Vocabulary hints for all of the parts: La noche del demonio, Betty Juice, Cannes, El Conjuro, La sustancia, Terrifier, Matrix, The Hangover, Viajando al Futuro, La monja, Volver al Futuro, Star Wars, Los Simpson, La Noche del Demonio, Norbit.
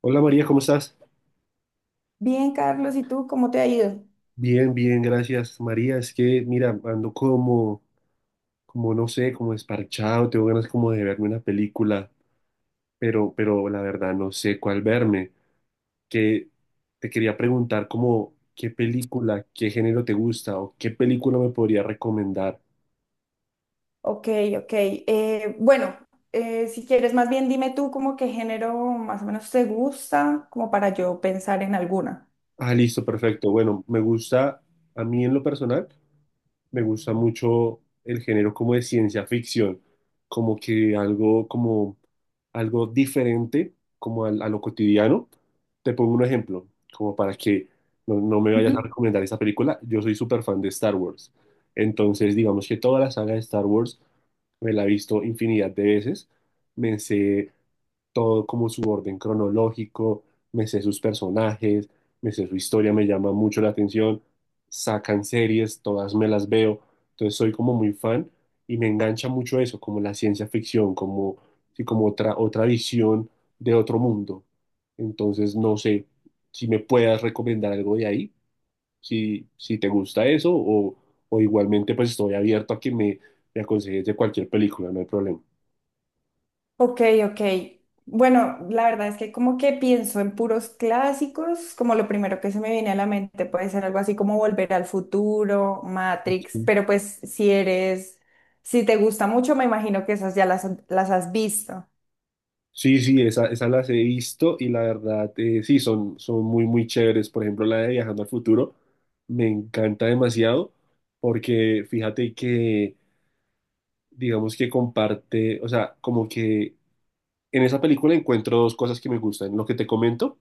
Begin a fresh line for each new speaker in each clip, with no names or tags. Hola María, ¿cómo estás?
Bien, Carlos, ¿y tú cómo te ha ido?
Bien, bien, gracias. María, es que mira, ando como no sé, como desparchado, tengo ganas como de verme una película, pero la verdad no sé cuál verme. Que te quería preguntar como qué película, qué género te gusta o qué película me podría recomendar.
Ok, ok. Bueno, si quieres, más bien dime tú como qué género más o menos te gusta, como para yo pensar en alguna.
Ah, listo, perfecto. Bueno, me gusta, a mí en lo personal, me gusta mucho el género como de ciencia ficción, como que algo como algo diferente como a lo cotidiano. Te pongo un ejemplo, como para que no me vayas a
Ujú.
recomendar esta película. Yo soy súper fan de Star Wars. Entonces, digamos que toda la saga de Star Wars me la he visto infinidad de veces. Me sé todo como su orden cronológico, me sé sus personajes, me sé su historia, me llama mucho la atención, sacan series, todas me las veo, entonces soy como muy fan y me engancha mucho eso, como la ciencia ficción, como, sí, como otra visión de otro mundo. Entonces no sé si me puedas recomendar algo de ahí, si te gusta eso o igualmente pues estoy abierto a que me aconsejes de cualquier película, no hay problema.
Ok, ok. Bueno, la verdad es que como que pienso en puros clásicos, como lo primero que se me viene a la mente puede ser algo así como Volver al Futuro, Matrix, pero pues si eres, si te gusta mucho, me imagino que esas ya las has visto.
Sí, sí, esas las he visto y la verdad, sí, son muy, muy chéveres. Por ejemplo, la de Viajando al Futuro me encanta demasiado porque fíjate que, digamos que comparte, o sea, como que en esa película encuentro dos cosas que me gustan. Lo que te comento,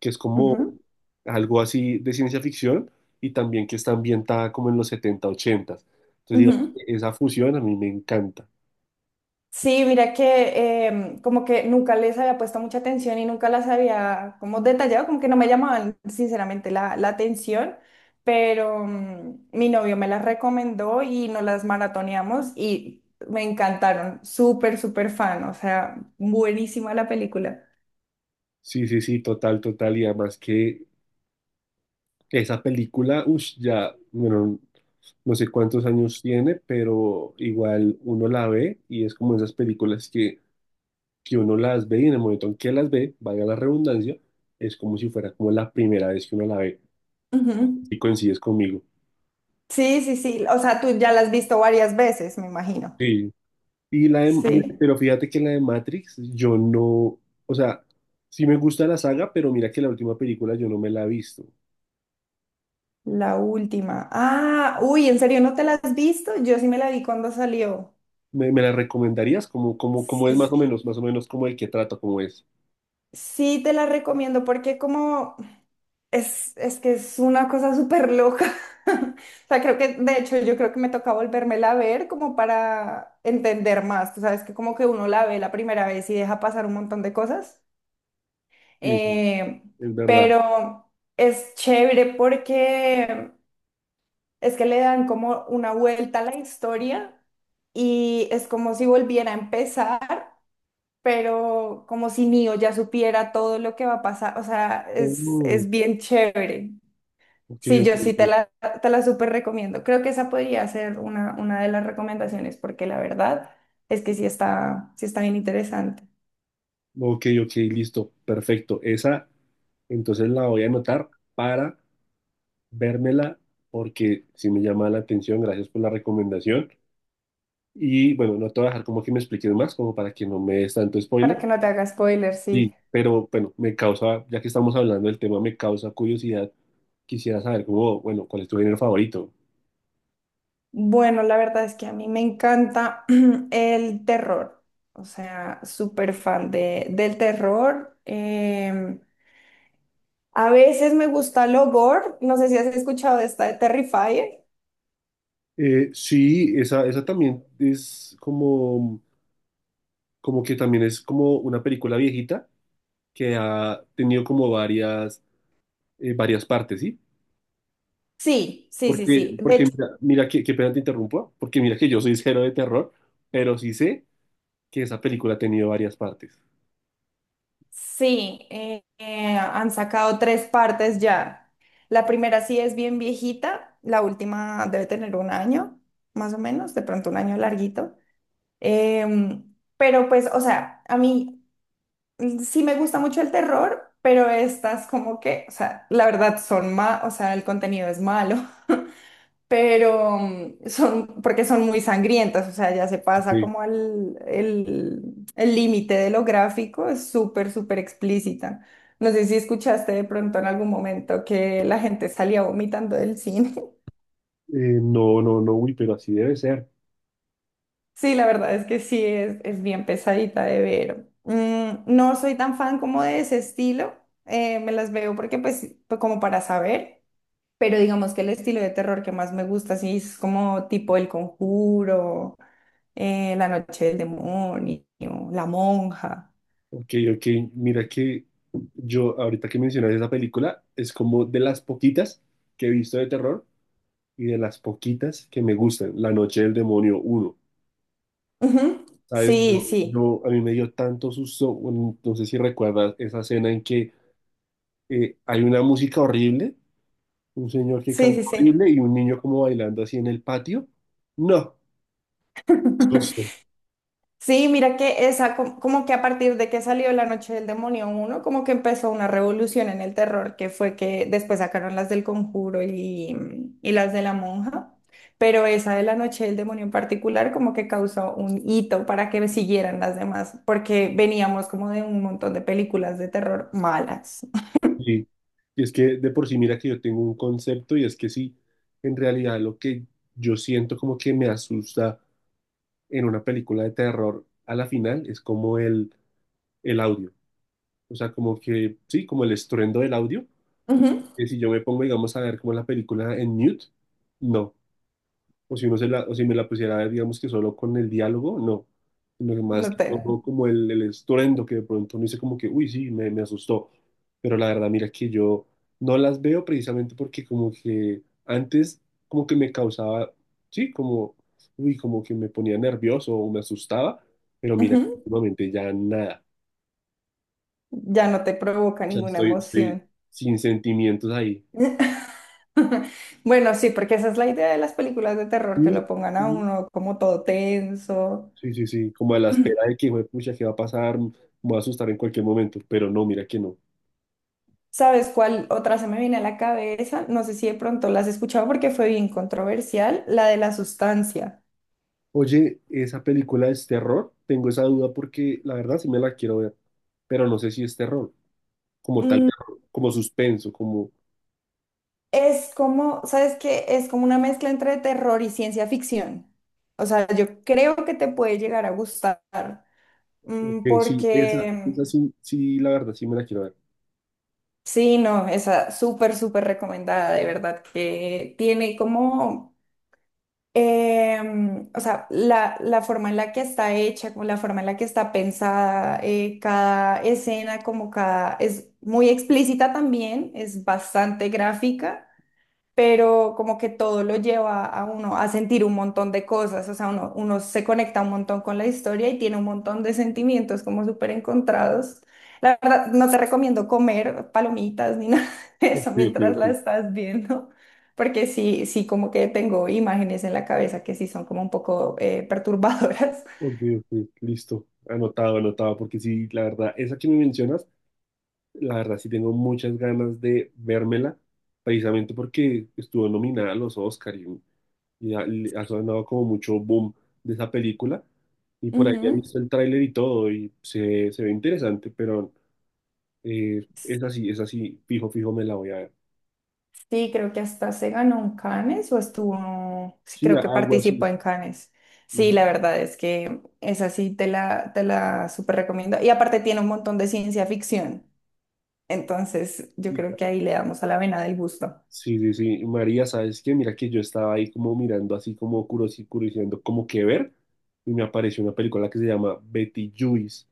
que es como
Ujú,
algo así de ciencia ficción y también que está ambientada como en los 70 80. Entonces, digamos,
ujú.
esa fusión a mí me encanta.
Sí, mira que como que nunca les había puesto mucha atención y nunca las había como detallado, como que no me llamaban sinceramente la atención, pero mi novio me las recomendó y nos las maratoneamos y me encantaron, súper, súper fan, o sea, buenísima la película.
Sí, sí, sí, total, total. Y además que esa película, uff, ya, bueno, no sé cuántos años tiene, pero igual uno la ve y es como esas películas que uno las ve y en el momento en que las ve, valga la redundancia, es como si fuera como la primera vez que uno la ve.
Ujú.
Y coincides conmigo.
Sí, sí, sí, o sea, tú ya la has visto varias veces, me imagino.
Sí. Y mira,
Sí,
pero fíjate que la de Matrix, yo no, o sea, sí me gusta la saga, pero mira que la última película yo no me la he visto.
la última. Ah, uy, ¿en serio no te la has visto? Yo sí me la vi cuando salió.
¿Me la recomendarías? ¿Cómo es más o menos como el que trata, cómo es?
Sí, te la recomiendo porque como es que es una cosa súper loca. O sea, creo que, de hecho, yo creo que me toca volvérmela a ver como para entender más. Tú sabes que como que uno la ve la primera vez y deja pasar un montón de cosas.
Sí, sí,
Eh,
es verdad.
pero es chévere porque es que le dan como una vuelta a la historia y es como si volviera a empezar. Pero como si Neo ya supiera todo lo que va a pasar, o sea, es,
Oh,
es bien chévere.
ok,
Sí,
ok,
yo sí te
ok,
te la súper recomiendo. Creo que esa podría ser una de las recomendaciones, porque la verdad es que sí está bien interesante.
ok, ok, listo, perfecto. Esa, entonces la voy a anotar para vérmela porque si me llama la atención. Gracias por la recomendación. Y bueno, no te voy a dejar como que me expliques más, como para que no me des tanto
Para
spoiler.
que no te haga spoiler,
Sí,
sí.
pero bueno, me causa, ya que estamos hablando del tema, me causa curiosidad. Quisiera saber cómo, bueno, cuál es tu género favorito.
Bueno, la verdad es que a mí me encanta el terror, o sea, súper fan de, del terror. A veces me gusta lo gore, no sé si has escuchado de esta de Terrifier.
Sí, esa también es como que también es como una película viejita que ha tenido como varias, varias partes, ¿sí?
Sí, sí, sí, sí.
Porque,
De
porque
hecho,
mira que, qué pena te interrumpo, porque mira que yo soy cero de terror, pero sí sé que esa película ha tenido varias partes.
sí, han sacado 3 partes ya. La primera sí es bien viejita, la última debe tener 1 año, más o menos, de pronto 1 año larguito. Pero pues, o sea, a mí, mm, sí me gusta mucho el terror, pero estas como que, o sea, la verdad son más, o sea, el contenido es malo. Pero porque son muy sangrientas, o sea, ya se
Ok,
pasa como al el límite de lo gráfico, es súper, súper explícita. No sé si escuchaste de pronto en algún momento que la gente salía vomitando del cine.
no, no, no, uy, pero así debe ser.
Sí, la verdad es que sí, es bien pesadita de ver. Mm, no soy tan fan como de ese estilo, me las veo porque pues como para saber, pero digamos que el estilo de terror que más me gusta sí es como tipo El Conjuro, La noche del demonio, La monja.
Ok, ok, mira que yo, ahorita que mencionas esa película, es como de las poquitas que he visto de terror y de las poquitas que me gustan, La Noche del Demonio uno.
Ujú.
¿Sabes?
Sí, sí,
A mí me dio tanto susto, bueno, no sé si recuerdas esa escena en que hay una música horrible, un señor que
sí,
canta
sí, sí.
horrible y un niño como bailando así en el patio. No, susto.
Sí, mira que esa, como que a partir de que salió La Noche del Demonio uno como que empezó una revolución en el terror, que fue que después sacaron las del Conjuro y, y las de la Monja, pero esa de La Noche del Demonio en particular como que causó un hito para que siguieran las demás, porque veníamos como de un montón de películas de terror malas.
Y, y es que de por sí, mira que yo tengo un concepto y es que sí, en realidad lo que yo siento como que me asusta en una película de terror a la final es como el audio. O sea, como que, sí, como el estruendo del audio.
Ujú.
Que si yo me pongo, digamos, a ver como la película en mute, no. O si me la pusiera a ver, digamos que solo con el diálogo, no, sino que más
No
que todo
te...
como el estruendo que de pronto uno dice como que, uy, sí, me asustó, pero la verdad, mira que yo no las veo precisamente porque como que antes como que me causaba, sí, como, uy, como que me ponía nervioso o me asustaba, pero mira,
ujú.
últimamente ya nada,
Ya no te provoca
o sea,
ninguna
estoy
emoción.
sin sentimientos ahí.
Bueno, sí, porque esa es la idea de las películas de terror, que lo
Sí,
pongan a
sí,
uno como todo tenso.
sí, sí, sí, como a la espera de que, hijo de pucha, ¿qué va a pasar? Me voy a asustar en cualquier momento, pero no, mira que no.
¿Sabes cuál otra se me viene a la cabeza? No sé si de pronto la has escuchado porque fue bien controversial, la de la sustancia.
Oye, ¿esa película es terror? Tengo esa duda porque la verdad sí me la quiero ver, pero no sé si es terror, como tal,
Mm,
terror, como suspenso, como...
es como, ¿sabes qué? Es como una mezcla entre terror y ciencia ficción. O sea, yo creo que te puede llegar a gustar,
Ok,
mm,
sí, esa,
porque
esa sí, sí, la verdad sí me la quiero ver.
sí, no, esa súper, súper recomendada, de verdad, que tiene como, o sea, la forma en la que está hecha, como la forma en la que está pensada, cada escena, como cada, es muy explícita también, es bastante gráfica, pero como que todo lo lleva a uno a sentir un montón de cosas, o sea, uno se conecta un montón con la historia y tiene un montón de sentimientos como súper encontrados. La verdad, no te recomiendo comer palomitas ni nada de
Ok,
eso
ok,
mientras la
ok,
estás viendo, porque sí, sí, como que tengo imágenes en la cabeza que sí son como un poco perturbadoras.
ok, ok, listo, anotado, anotado, porque sí, la verdad, esa que me mencionas, la verdad sí tengo muchas ganas de vérmela, precisamente porque estuvo nominada a los Oscar y ha sonado como mucho boom de esa película. Y por ahí he
Ujú.
visto el tráiler y todo, y se ve interesante, pero es así, fijo, fijo, me la voy a ver.
Sí, creo que hasta se ganó un Cannes o estuvo, sí,
Sí,
creo que
algo así.
participó en Cannes. Sí,
Ujú.
la verdad es que esa sí te te la súper recomiendo. Y aparte tiene un montón de ciencia ficción. Entonces, yo creo que ahí le damos a la vena del gusto.
Sí, sí, sí. María, ¿sabes qué? Mira que yo estaba ahí como mirando, así como curioseando, como que ver, y me apareció una película que se llama Betty Juice,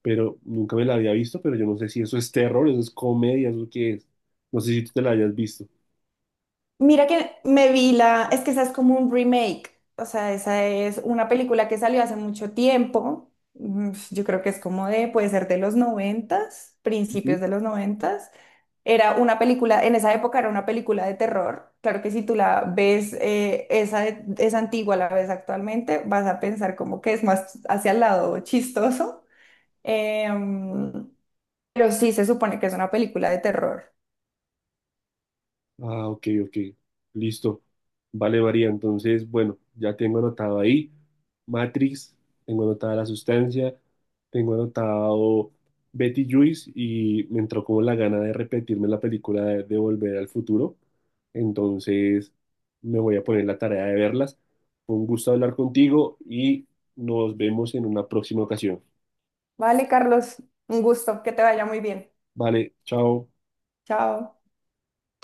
pero nunca me la había visto, pero yo no sé si eso es terror, eso es comedia, eso qué es. No sé si tú te la hayas visto.
Mira que me vi la, es que esa es como un remake, o sea, esa es una película que salió hace mucho tiempo, mm, yo creo que es como de, puede ser de los noventas, principios de los noventas, era una película, en esa época era una película de terror, claro que si tú la ves, es antigua, la ves actualmente, vas a pensar como que es más hacia el lado chistoso, em, pero sí se supone que es una película de terror.
Ah, ok, ok. Listo. Vale, varía. Entonces, bueno, ya tengo anotado ahí Matrix, tengo anotada la sustancia, tengo anotado Betty Juice y me entró como la gana de repetirme la película de Volver al Futuro. Entonces, me voy a poner la tarea de verlas. Fue un gusto hablar contigo y nos vemos en una próxima ocasión.
Vale, Carlos, un gusto, que te vaya muy bien.
Vale, chao.
Chao.